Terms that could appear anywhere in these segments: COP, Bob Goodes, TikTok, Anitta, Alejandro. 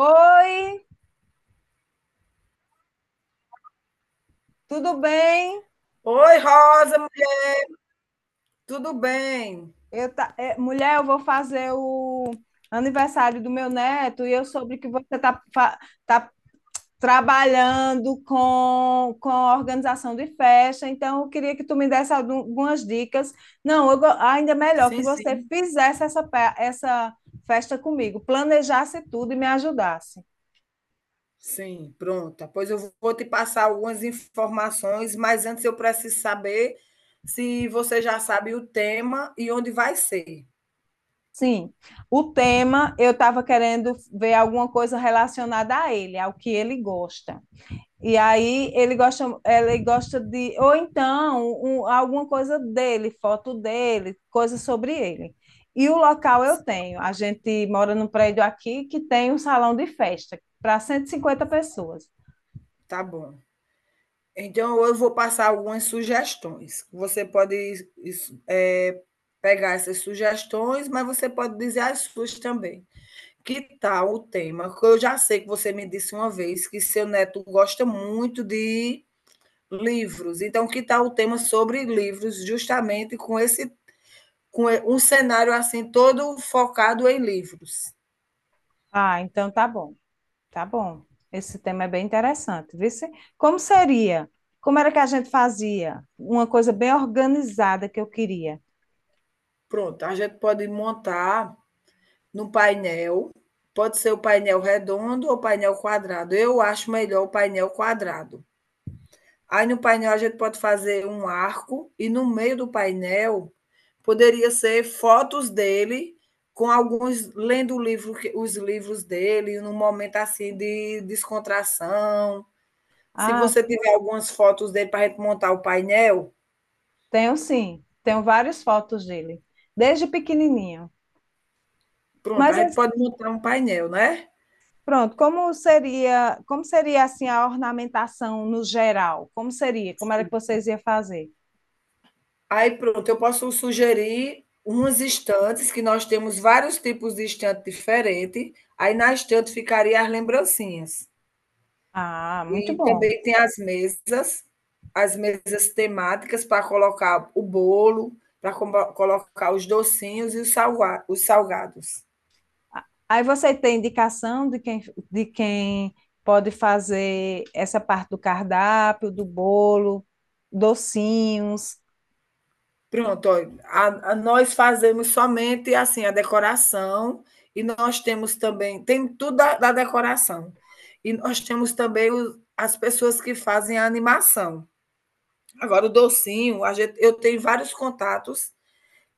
Oi, tudo bem? Oi, Rosa, mulher, tudo bem? Mulher, eu vou fazer o aniversário do meu neto e eu soube que você tá trabalhando com a organização de festa, então eu queria que tu me desse algumas dicas. Não, ainda é melhor que Sim, você sim, fizesse essa festa comigo, planejasse tudo e me ajudasse. sim, pronta. Pois eu vou te passar algumas informações, mas antes eu preciso saber se você já sabe o tema e onde vai ser. Sim, o tema eu estava querendo ver alguma coisa relacionada a ele, ao que ele gosta. E aí ele gosta de, ou então alguma coisa dele, foto dele, coisa sobre ele. E o local eu tenho. A gente mora num prédio aqui que tem um salão de festa para 150 pessoas. Tá bom. Então eu vou passar algumas sugestões. Você pode isso, é, pegar essas sugestões, mas você pode dizer as suas também. Que tal o tema? Que Eu já sei que você me disse uma vez que seu neto gosta muito de livros. Então, que tal o tema sobre livros, justamente com um cenário assim todo focado em livros. Ah, então tá bom, tá bom. Esse tema é bem interessante, viu? Sim? Como seria? Como era que a gente fazia? Uma coisa bem organizada que eu queria. Pronto, a gente pode montar num painel, pode ser o painel redondo ou painel quadrado. Eu acho melhor o painel quadrado. Aí no painel a gente pode fazer um arco e no meio do painel poderia ser fotos dele com alguns lendo o livro, os livros dele, num momento assim de descontração. Se Ah, você tiver algumas fotos dele para a gente montar o painel, tenho sim, tenho várias fotos dele, desde pequenininho. pronto, a Mas gente pode montar um painel, né? pronto, como seria assim a ornamentação no geral? Como seria? Como era que vocês iam fazer? Aí pronto, eu posso sugerir umas estantes, que nós temos vários tipos de estante diferentes. Aí na estante ficaria as lembrancinhas. Ah, muito E bom. também tem as mesas temáticas para colocar o bolo, para colocar os docinhos e os salgados. Aí você tem indicação de quem pode fazer essa parte do cardápio, do bolo, docinhos. Pronto, ó, nós fazemos somente assim a decoração e nós temos também, tem tudo da decoração. E nós temos também as pessoas que fazem a animação. Agora, o docinho, eu tenho vários contatos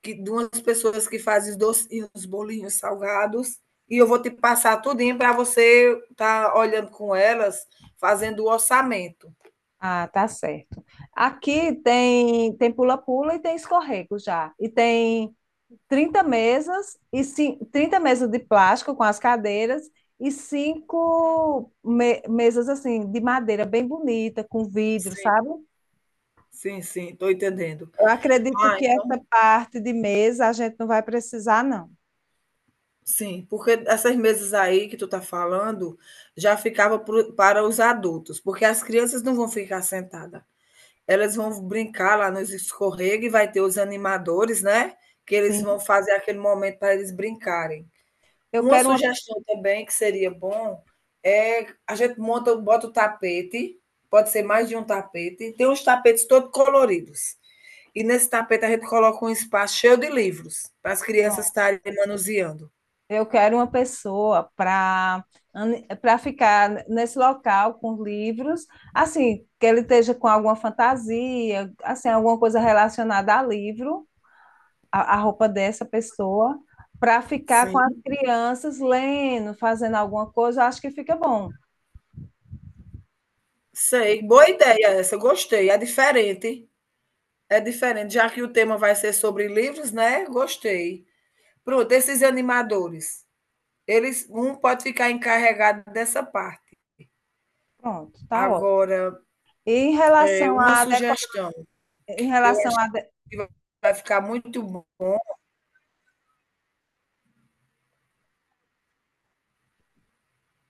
de umas pessoas que fazem os docinhos, bolinhos salgados, e eu vou te passar tudinho para você estar tá olhando com elas, fazendo o orçamento. Ah, tá certo. Aqui tem pula-pula e tem escorrego já. E tem 30 mesas e 30 mesas de plástico com as cadeiras e cinco mesas assim de madeira bem bonita, com vidro, Sim, sabe? sim, estou entendendo. Eu acredito Ai, que essa parte de mesa a gente não vai precisar, não. sim, porque essas mesas aí que tu tá falando, já ficava pro para os adultos, porque as crianças não vão ficar sentada. Elas vão brincar lá nos escorrega e vai ter os animadores, né, que eles Sim. vão fazer aquele momento para eles brincarem. Eu Uma quero uma, sugestão também que seria bom, é a gente monta bota o tapete, pode ser mais de um tapete, tem uns tapetes todo coloridos. E nesse tapete a gente coloca um espaço cheio de livros, para as crianças pronto. estarem manuseando. Eu quero uma pessoa para ficar nesse local com os livros, assim, que ele esteja com alguma fantasia, assim, alguma coisa relacionada a livro a roupa dessa pessoa para ficar com as Sim. crianças lendo, fazendo alguma coisa, eu acho que fica bom. Sei, boa ideia essa, gostei, é diferente, já que o tema vai ser sobre livros, né, gostei. Pronto, esses animadores, eles um pode ficar encarregado dessa parte. Pronto, tá ótimo. Agora, E em relação uma à decora... sugestão em que eu relação acho a... que vai ficar muito bom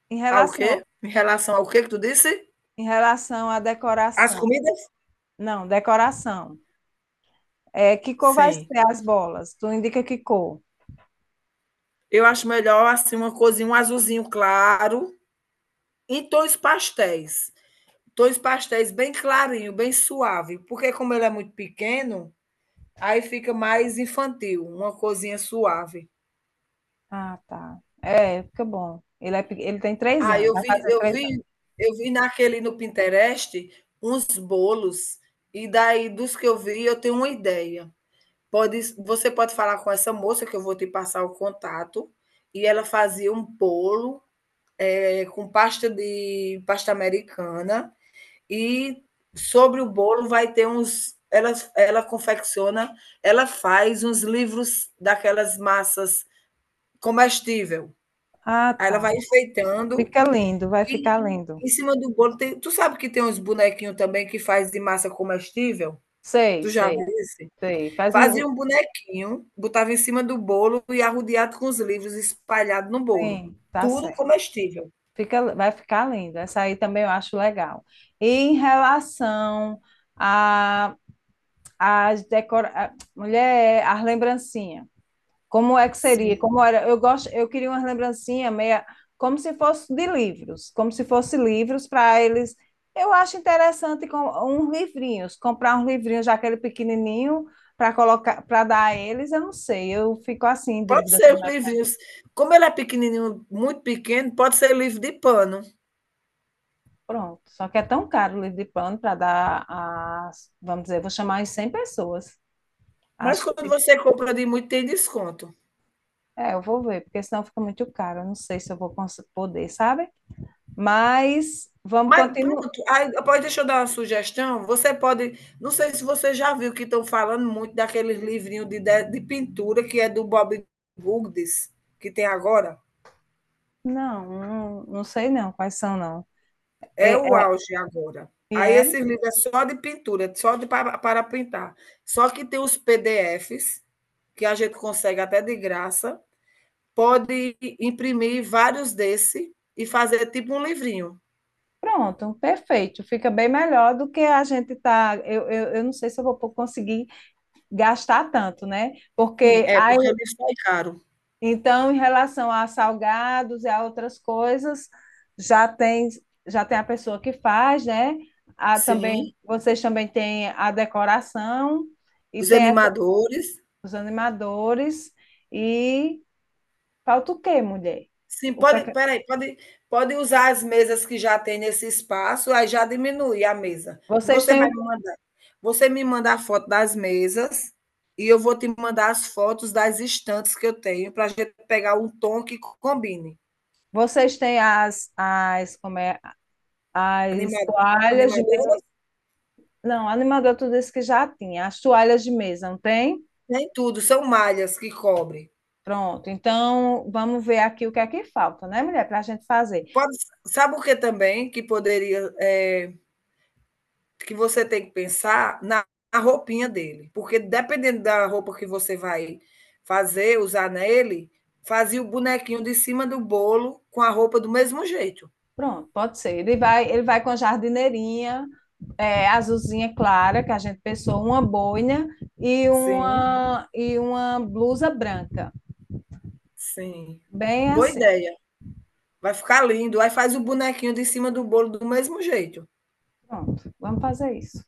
em ao relação quê? Em relação ao quê que tu disse? Em relação à As decoração. comidas? Não, decoração. É, que cor vai Sim, ser as bolas? Tu indica que cor? eu acho melhor, assim, uma coisinha um azulzinho claro, em tons pastéis. Dois pastéis bem clarinho, bem suave, porque como ele é muito pequeno, aí fica mais infantil, uma coisinha suave. Ah, tá. É, fica bom. Ele, é, ele tem 3 Ah, anos, eu vai vi fazer eu 3 anos. vi eu vi naquele no Pinterest uns bolos, e daí dos que eu vi eu tenho uma ideia. Pode Você pode falar com essa moça que eu vou te passar o contato, e ela fazia um bolo, com pasta de pasta americana, e sobre o bolo vai ter uns. Ela confecciona, ela faz uns livros daquelas massas comestível. Ah, Aí ela tá. vai enfeitando Fica lindo, vai e ficar lindo. em cima do bolo tem. Tu sabe que tem uns bonequinhos também que faz de massa comestível? Sei, Tu já viu sei, esse? sei. Faz um. Fazia um, um bonequinho, botava em cima do bolo e arrodeado com os livros espalhados no bolo. Sim, tá Tudo certo. comestível. Vai ficar lindo. Essa aí também eu acho legal. E em relação a, as decora... a- mulher, as lembrancinhas. Como é que Sim. seria? Como era? Eu gosto, eu queria umas lembrancinhas meia como se fosse de livros, como se fosse livros para eles. Eu acho interessante com uns livrinhos, comprar uns livrinhos, já aquele pequenininho, para colocar, para dar a eles, eu não sei, eu fico assim em Pode dúvida. ser os livrinhos. Como ele é pequenininho, muito pequeno, pode ser livro de pano. Pronto. Só que é tão caro o livro de plano para dar as, vamos dizer, vou chamar as 100 pessoas. Mas Acho quando que você compra de muito, tem desconto. é, eu vou ver, porque senão fica muito caro. Eu não sei se eu vou poder, sabe? Mas vamos Mas continuar. pronto, aí, pode, deixa eu dar uma sugestão. Você pode. Não sei se você já viu que estão falando muito daqueles livrinhos de pintura que é do Bob Goodes, que tem agora. Não, não, não sei não quais são, não. É É, o é, auge agora. e Aí é, esse livro é só de pintura, só de para, para pintar. Só que tem os PDFs, que a gente consegue até de graça. Pode imprimir vários desse e fazer tipo um livrinho. pronto, perfeito. Fica bem melhor do que a gente tá. Eu não sei se eu vou conseguir gastar tanto, né? Sim, Porque é, porque ele sai caro. então, em relação a salgados e a outras coisas, já tem já tem a pessoa que faz, né? A, Sim. também vocês também têm a decoração e Os tem animadores. os animadores e falta o quê, mulher? Sim, O que é pode, que- espera aí, pode, pode usar as mesas que já tem nesse espaço, aí já diminui a mesa. vocês Você têm vai o- me mandar. Você me manda a foto das mesas e eu vou te mandar as fotos das estantes que eu tenho para a gente pegar um tom que combine. vocês têm as como é as Animado, toalhas de animadoras, não, animador tu disse que já tinha as toalhas de mesa, não tem? nem tudo, são malhas que cobrem. Pronto. Então vamos ver aqui o que é que falta, né, mulher, para a gente fazer. Pode, sabe o que também que poderia que você tem que pensar na roupinha dele, porque dependendo da roupa que você vai usar nele, fazia o bonequinho de cima do bolo com a roupa do mesmo jeito. Pronto, pode ser. Ele vai com a jardineirinha, é, azulzinha clara, que a gente pensou, uma boina e Sim, uma blusa branca. sim. Bem Boa assim. ideia. Vai ficar lindo. Aí faz o bonequinho de cima do bolo do mesmo jeito. Pronto, vamos fazer isso.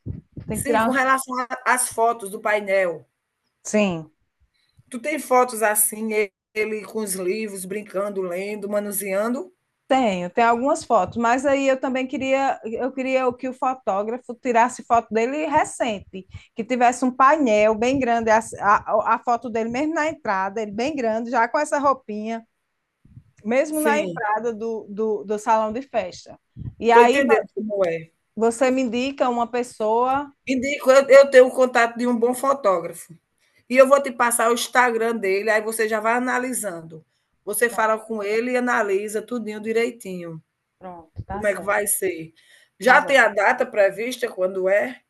Tem que Sim, com tirar. relação às fotos do painel. Sim. Tu tem fotos assim, ele com os livros, brincando, lendo, manuseando? Tenho, tem algumas fotos, mas aí eu também queria, eu queria que o fotógrafo tirasse foto dele recente, que tivesse um painel bem grande, a foto dele mesmo na entrada, ele bem grande, já com essa roupinha mesmo na Sim, entrada do salão de festa. E estou aí entendendo como é. você me indica uma pessoa. Indico, eu tenho o contato de um bom fotógrafo. E eu vou te passar o Instagram dele, aí você já vai analisando. Você Pronto, fala com ele e analisa tudinho direitinho, pronto, tá como é que certo, vai ser. tá Já tem bom. a data prevista quando é?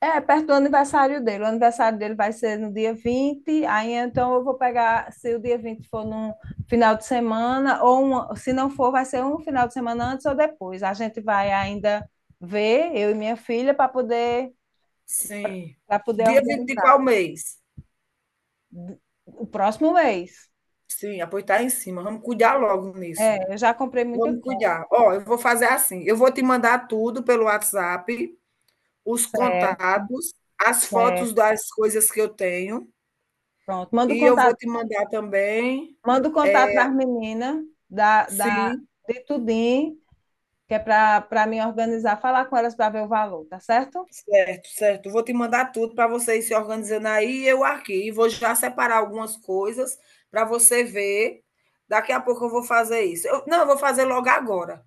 É, perto do aniversário dele. O aniversário dele vai ser no dia 20, aí então eu vou pegar, se o dia 20 for num final de semana, ou uma, se não for, vai ser um final de semana antes ou depois. A gente vai ainda ver, eu e minha filha, Sim. para poder Dia 20 de organizar. qual mês? O próximo mês. Sim, ah, tá em cima, vamos cuidar logo nisso. É, eu já comprei muita Vamos coisa. cuidar. Ó, eu vou fazer assim, eu vou te mandar tudo pelo WhatsApp, os Certo, contatos, as fotos certo. das coisas que eu tenho. Pronto, E eu vou te mandar também manda o contato das meninas, da, da, sim, de tudinho, que é para me organizar, falar com elas para ver o valor, tá certo? certo, certo. Vou te mandar tudo para você ir se organizando aí e eu aqui. E vou já separar algumas coisas para você ver. Daqui a pouco eu vou fazer isso. Eu, não, eu vou fazer logo agora.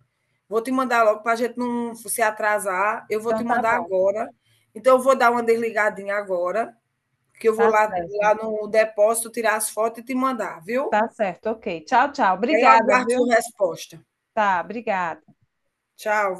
Vou te mandar logo para a gente não se atrasar. Eu vou Então te tá mandar bom, agora. Então, eu vou dar uma desligadinha agora, que eu vou tá certo, lá no depósito tirar as fotos e te mandar, viu? tá certo, ok. Tchau, tchau. Aí eu Obrigada, aguardo viu? sua resposta. Tá, obrigada. Tchau.